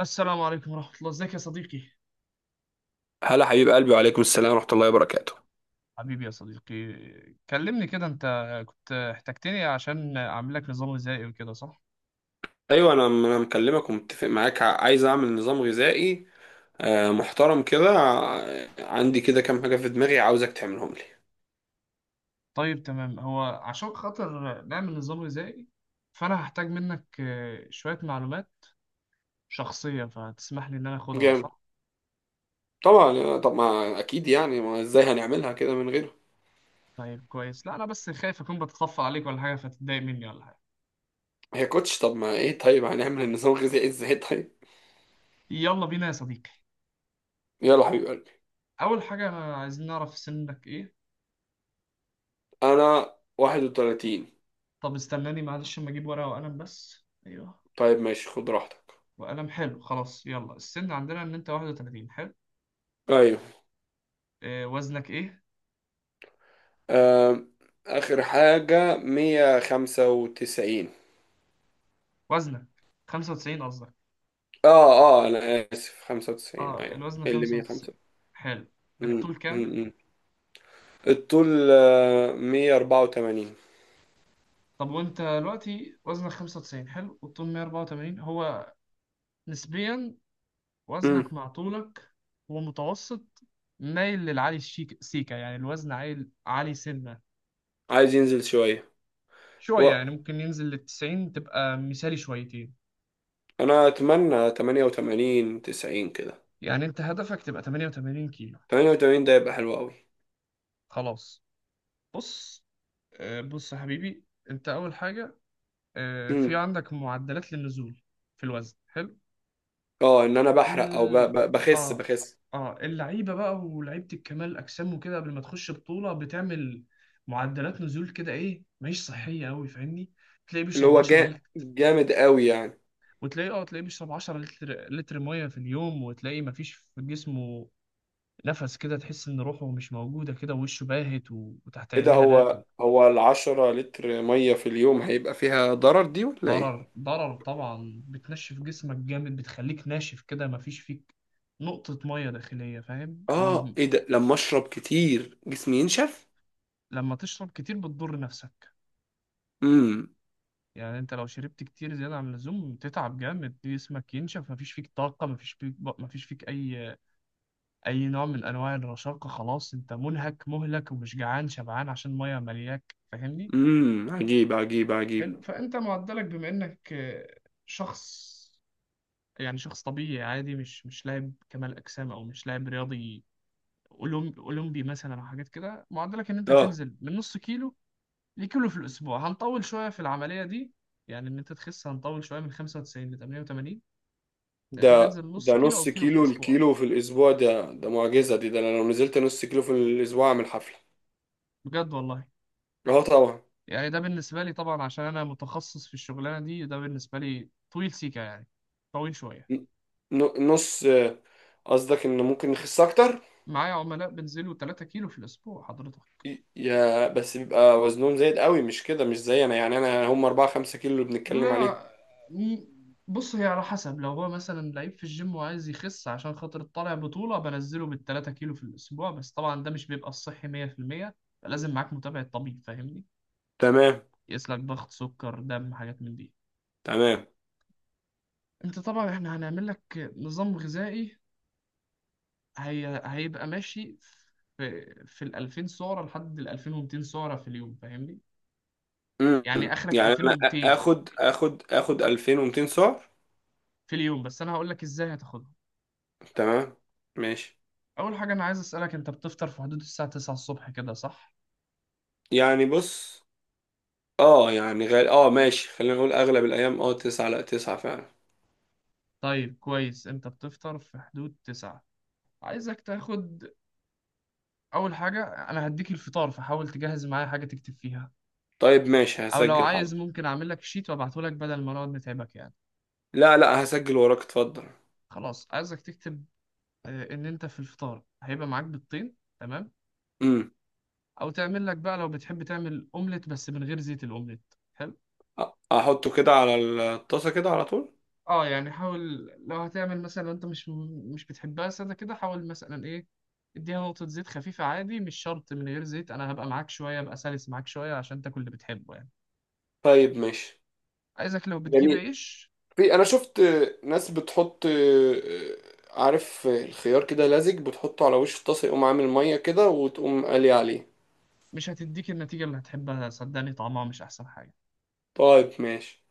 السلام عليكم ورحمة الله، ازيك يا صديقي؟ هلا حبيب قلبي، وعليكم السلام ورحمة الله وبركاته. حبيبي يا صديقي. كلمني كده انت، كنت احتجتني عشان اعمل لك نظام غذائي وكده صح؟ ايوه، انا مكلمك ومتفق معاك. عايز اعمل نظام غذائي محترم كده. عندي كده كام حاجة في دماغي عاوزك تعملهم لي. طيب تمام، هو عشان خاطر نعمل نظام غذائي فانا هحتاج منك شوية معلومات شخصية، فتسمح لي ان انا اخدها جامد. صح؟ طبعا. طب ما اكيد، يعني ما ازاي هنعملها كده من غيره؟ طيب كويس، لا انا بس خايف اكون بتطفل عليك ولا حاجة فتتضايق مني ولا حاجة. هي كوتش، طب ما ايه؟ طيب، هنعمل النظام الغذائي ازاي؟ طيب. يلا بينا يا صديقي. يلا حبيب قلبي. اول حاجة عايزين نعرف سنك ايه. انا 31. طب استناني معلش اما اجيب ورقة وقلم، بس ايوه. طيب ماشي، خد راحتك. وقلم، حلو. خلاص يلا، السن عندنا ان انت 31، حلو. ايوه. وزنك ايه؟ آه، اخر حاجة 195. وزنك 95 قصدك؟ اه، اه، انا اسف، 95 اه ايوه. الوزن اللي 105. 95، حلو. امم، الطول كام؟ امم. الطول 184. طب وانت دلوقتي وزنك 95، حلو، والطول 184. هو نسبيا امم. وزنك مع طولك هو متوسط، مايل للعالي الشيك سيكا، يعني الوزن عالي، عالي سنة. عايز ينزل شويه. شوية، هو يعني ممكن ينزل لل 90 تبقى مثالي شويتين. انا اتمنى 88 90 كده. يعني انت هدفك تبقى 88 كيلو. 88 ده يبقى حلو قوي. خلاص. بص، بص يا حبيبي، انت اول حاجه، في امم. عندك معدلات للنزول في الوزن، حلو. اه، ان انا بحرق، او ال... بخس اه بخس اه اللعيبه بقى ولعيبه الكمال الاجسام وكده قبل ما تخش بطوله بتعمل معدلات نزول كده، ايه، مش صحيه قوي، فاهمني؟ تلاقيه اللي بيشرب هو 10 لتر، جامد قوي يعني. وتلاقيه اه تلاقيه بيشرب 10 لتر ميه في اليوم، وتلاقيه مفيش في جسمه نفس كده، تحس ان روحه مش موجوده كده، ووشه باهت، وتحت ايه ده، عينيه هالات. هو ال 10 لتر ميه في اليوم هيبقى فيها ضرر دي ولا ايه؟ ضرر ضرر طبعا، بتنشف جسمك جامد، بتخليك ناشف كده، مفيش فيك نقطة مية داخلية، فاهم؟ اه، ايه ده؟ لما اشرب كتير جسمي ينشف؟ ولما تشرب كتير بتضر نفسك. امم يعني انت لو شربت كتير زيادة عن اللزوم تتعب جامد، جسمك ينشف، مفيش فيك طاقة، مفيش فيك أي نوع من أنواع الرشاقة، خلاص انت منهك مهلك، ومش جعان شبعان عشان مية ملياك، فاهمني؟ امم. عجيب، عجيب، عجيب. حلو. فانت معدلك، بما انك شخص، يعني شخص طبيعي عادي، مش لاعب كمال أجسام، أو مش لاعب رياضي اولمبي مثلا، او حاجات كده، معدلك ان انت اه، هتنزل من نص كيلو لكيلو في الاسبوع. هنطول شويه في العمليه دي، يعني ان انت تخس هنطول شويه من 95 ل 88. ده انت ده هتنزل من نص ده كيلو او نص كيلو في كيلو، الاسبوع، الكيلو في الاسبوع ده معجزه. دي ده انا لو نزلت نص كيلو في الاسبوع اعمل حفله. بجد والله. اه طبعا. يعني ده بالنسبه لي طبعا، عشان انا متخصص في الشغلانه دي، ده بالنسبه لي طويل سيكا، يعني طويل شويه. ن- نص، قصدك ان ممكن نخس اكتر؟ معايا عملاء بنزلوا 3 كيلو في الاسبوع حضرتك. يا بس بيبقى وزنهم زايد قوي، مش كده. مش زي انا، يعني انا هم 4 5 كيلو اللي بنتكلم عليهم. لا م- بص، هي على حسب، لو هو مثلا لعيب في الجيم وعايز يخس عشان خاطر طالع بطولة، بنزله بالتلاتة كيلو في الأسبوع، بس طبعا ده مش بيبقى الصحي مية في المية، فلازم معاك متابعة طبيب، فاهمني؟ تمام، يقيس لك ضغط، سكر، دم، حاجات من دي. تمام. انت طبعا احنا هنعمل لك نظام غذائي هيبقى ماشي في ال 2000 سعرة لحد ال 2200 سعرة في اليوم، فاهمني؟ امم. يعني اخرك يعني انا 2200 اخد 2200 سعر. في اليوم، بس انا هقول لك ازاي هتاخدهم. تمام. ماشي. اول حاجه انا عايز اسالك، انت بتفطر في حدود الساعه 9 الصبح كده صح؟ يعني بص، اه يعني غال، اه ماشي، خلينا نقول اغلب الايام اه 9، لا 9 فعلا. طيب كويس، انت بتفطر في حدود 9. عايزك تاخد اول حاجه، انا هديك الفطار فحاول تجهز معايا حاجه تكتب فيها، طيب ماشي، او لو هسجل. عايز حاضر. ممكن اعمل لك شيت وابعته لك بدل ما نقعد نتعبك يعني. لا، لا، هسجل وراك، اتفضل. خلاص عايزك تكتب ان انت في الفطار هيبقى معاك بيضتين، تمام، امم. او تعمل لك بقى لو بتحب تعمل اومليت بس من غير زيت، الاومليت حلو. أ- احطه كده على الطاسة كده على طول. اه يعني حاول، لو هتعمل مثلا، لو انت مش بتحبها سادة كده، حاول مثلا ايه، اديها نقطة زيت خفيفة عادي، مش شرط من غير زيت، انا هبقى معاك شوية، ابقى سلس معاك شوية عشان تاكل اللي بتحبه يعني. طيب ماشي. عايزك لو بتجيب جميل. عيش، في انا شفت ناس بتحط، عارف، الخيار كده لزج، بتحطه على وش الطاسه يقوم عامل ميه كده وتقوم قالي عليه. مش هتديك النتيجة اللي هتحبها صدقني، طعمها مش احسن حاجة. طيب ماشي.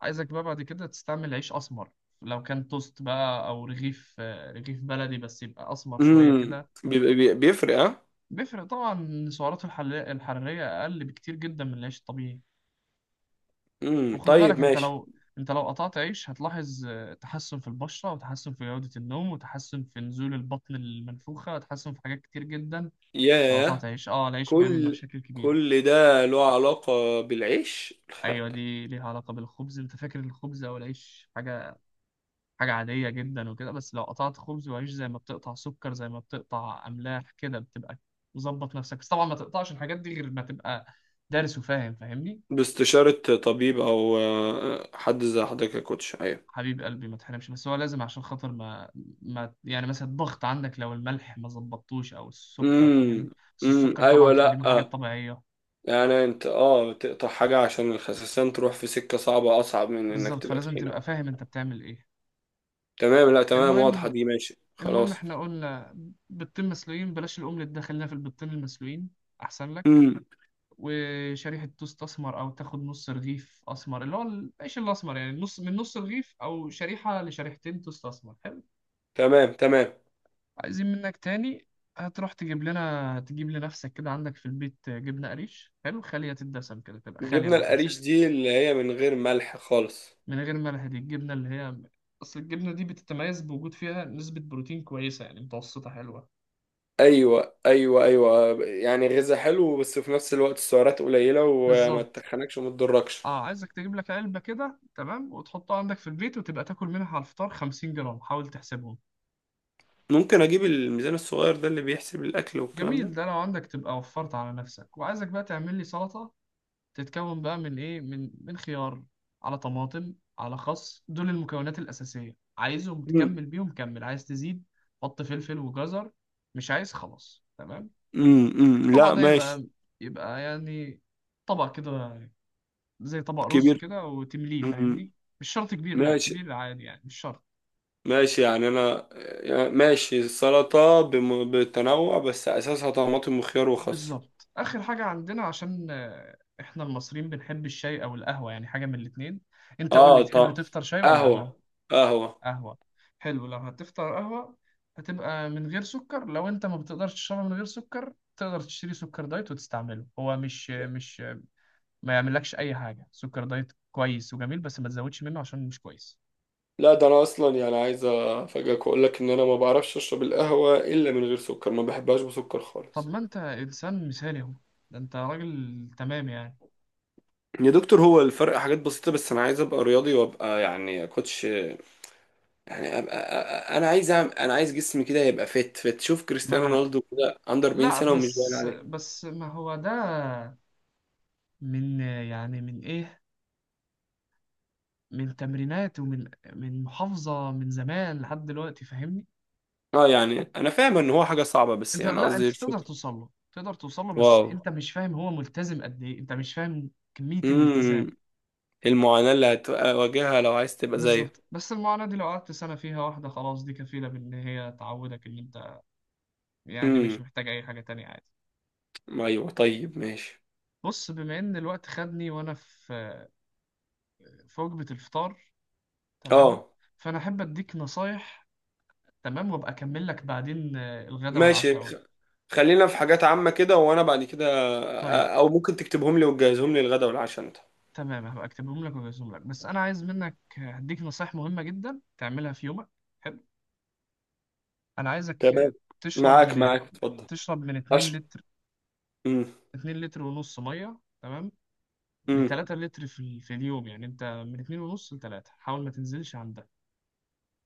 عايزك بقى بعد كده تستعمل عيش اسمر، لو كان توست بقى او رغيف، رغيف بلدي بس يبقى اسمر شوية امم كده. بيبقى- بيفرق اه. بيفرق طبعا، سعراته الحرارية اقل بكتير جدا من العيش الطبيعي. امم. وخد بالك طيب انت ماشي. لو انت لو قطعت عيش هتلاحظ تحسن في البشرة، وتحسن في جودة النوم، وتحسن في نزول البطن المنفوخة، وتحسن في حاجات كتير جدا. لو قطعت ياه. عيش، العيش بيعمل كل مشاكل كبيرة. كل ده له علاقة بالعيش؟ ايوه، دي ليها علاقة بالخبز. انت فاكر الخبز او العيش حاجة عادية جدا وكده، بس لو قطعت خبز وعيش زي ما بتقطع سكر، زي ما بتقطع املاح كده، بتبقى مظبط نفسك. بس طبعا ما تقطعش الحاجات دي غير ما تبقى دارس وفاهم، فاهمني؟ باستشارة طبيب أو حد زي حضرتك يا كوتش. أيوة. حبيب قلبي ما تحرمش، بس هو لازم، عشان خاطر ما يعني مثلا الضغط عندك لو الملح ما ظبطتوش او السكر، فاهمني؟ امم، بس امم، السكر طبعا أيوة، خليه من الحاجات لأ. الطبيعية. يعني أنت تقطع حاجة عشان الخسسان تروح في سكة صعبة أصعب من إنك بالظبط، تبقى فلازم تخين أوي. تبقى فاهم انت بتعمل ايه. تمام، لأ، تمام، واضحة المهم دي، ماشي المهم خلاص. احنا قلنا بيضتين مسلوقين، بلاش الاومليت ده، خلينا في البيضتين المسلوقين احسن لك. امم. وشريحة توست اسمر، او تاخد نص رغيف اسمر اللي هو العيش الاسمر، يعني نص من نص رغيف، او شريحة لشريحتين توست اسمر، حلو؟ تمام، تمام. عايزين منك تاني، هتروح تجيب لنفسك كده، عندك في البيت جبنة قريش، حلو، خالية الدسم كده تبقى خالية من جبنا الدسم، القريش دي اللي هي من غير ملح خالص؟ من غير ملح. دي الجبنة اللي هي أصل الجبنة دي بتتميز بوجود فيها نسبة بروتين كويسة، يعني متوسطة حلوة، ايوه، ايوه، ايوه، يعني غذاء حلو بس في نفس الوقت السعرات قليله، وما بالظبط. تخنكش وما تضركش. اه عايزك تجيب لك علبة كده، تمام، وتحطها عندك في البيت، وتبقى تاكل منها على الفطار 50 جرام، حاول تحسبهم. ممكن اجيب الميزان الصغير ده اللي بيحسب الاكل والكلام ده؟ جميل، ده لو عندك تبقى وفرت على نفسك. وعايزك بقى تعمل لي سلطة، تتكون بقى من ايه، من خيار، على طماطم، على خس، دول المكونات الأساسية، عايزهم، امم، تكمل بيهم كمل، عايز تزيد حط فلفل وجزر، مش عايز خلاص تمام. امم. الطبق لا ده ماشي. يبقى يعني طبق كده، زي طبق رز كبير. كده وتمليه، فاهمني؟ مم. مش شرط كبير، لا ماشي. كبير عادي يعني، مش شرط. ماشي يعني انا يعني ماشي السلطه بتنوع بس اساسها طماطم وخيار وخس. بالظبط، آخر حاجة عندنا، عشان احنا المصريين بنحب الشاي او القهوة، يعني حاجة من الاتنين. انت قول لي اه، تحب طب تفطر شاي ولا قهوة؟ قهوه، قهوه. قهوة، حلو. لو هتفطر قهوة هتبقى من غير سكر، لو انت ما بتقدرش تشربها من غير سكر تقدر تشتري سكر دايت وتستعمله، هو مش ما يعملكش اي حاجة، سكر دايت كويس وجميل، بس ما تزودش منه عشان مش كويس. لا، ده انا اصلا يعني عايز افاجئك واقول لك ان انا ما بعرفش اشرب القهوه الا من غير سكر، ما بحبهاش بسكر طب خالص. ما انت انسان مثالي اهو، ده انت راجل تمام يعني. يا دكتور، هو الفرق حاجات بسيطة، بس أنا عايز أبقى رياضي، وأبقى يعني كوتش، يعني أبقى، أنا عايز جسمي كده يبقى فت فت، شوف ما كريستيانو انا، رونالدو كده عنده 40 لا سنة ومش باين بس عليه. بس ما هو ده من، يعني من ايه، من تمرينات، ومن محافظة من زمان لحد دلوقتي، فاهمني؟ أه، يعني أنا فاهم إن هو حاجة صعبة، بس انت، يعني لا انت قصدي شوف. تقدر توصل له، تقدر توصل له، بس واو. انت مش فاهم هو ملتزم قد ايه، انت مش فاهم كمية الالتزام. امم. المعاناة اللي هتواجهها لو عايز تبقى زيه. بالظبط، بس المعاناة دي لو قعدت سنة فيها واحدة خلاص، دي كفيلة بإن هي تعودك إن أنت، يعني مش امم، محتاج أي حاجة تانية عادي. أيوه طيب ماشي. بص، بما إن الوقت خدني وأنا في وجبة الفطار، تمام، أه فأنا أحب أديك نصايح، تمام، وأبقى أكمل لك بعدين الغدا ماشي، والعشاء. خلينا في حاجات عامة كده، وانا بعد كده طيب او ممكن تكتبهم لي وتجهزهم لي الغدا والعشاء انت. تمام، هبقى أكتبهم لك وأجهزهم لك، بس أنا عايز منك هديك نصايح مهمة جدا تعملها في يومك، حلو؟ انا عايزك تمام. تشرب معاك، من معاك، اتفضل. تشرب من 2 عشر. لتر، امم، 2 لتر ونص ميه تمام، ل امم. 3 لتر في اليوم، يعني انت من 2 ونص ل 3، حاول ما تنزلش عن ده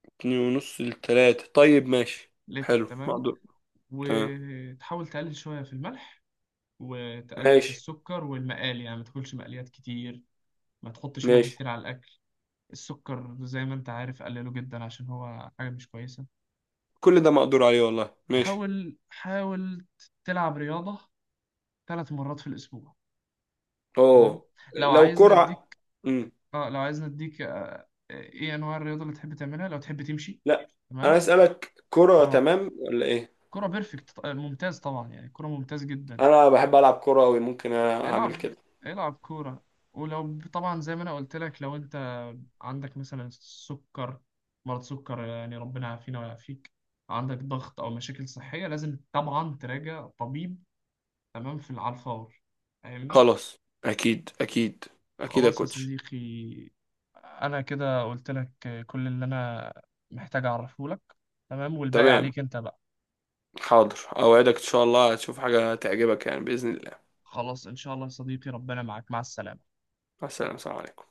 2.5 لتلاتة، طيب ماشي. لتر، حلو تمام. مقدور. تمام. وتحاول تقلل شويه في الملح، وتقلل في ماشي. السكر والمقالي، يعني ما تاكلش مقليات كتير، ما تحطش ملح ماشي. كتير على الاكل. السكر زي ما انت عارف قلله جدا عشان هو حاجه مش كويسه. كل ده مقدور عليه والله، ماشي. حاول، حاول تلعب رياضه ثلاث مرات في الاسبوع، تمام. اوه، لو لو عايزني كرة. اديك، امم، اه لو عايز نديك ايه انواع الرياضه اللي تحب تعملها، لو تحب تمشي، لا. انا تمام. اسألك كرة اه تمام ولا ايه؟ كرة بيرفكت ممتاز طبعا، يعني كرة ممتاز جدا. انا بحب العب كرة أوي، ممكن اعمل العب، كده. العب كورة. ولو طبعا زي ما انا قلت لك، لو انت عندك مثلا سكر، مرض سكر يعني، ربنا يعافينا ويعافيك، عندك ضغط او مشاكل صحية، لازم طبعا تراجع طبيب تمام، على الفور، فاهمني؟ خلاص. اكيد، اكيد، اكيد يا خلاص يا كوتش. صديقي، انا كده قلت لك كل اللي انا محتاج اعرفه لك، تمام، والباقي تمام. عليك انت بقى. حاضر، أوعدك إن شاء الله هتشوف حاجة تعجبك يعني بإذن الله. خلاص ان شاء الله يا صديقي، ربنا معاك، مع السلامة. السلام، السلام عليكم.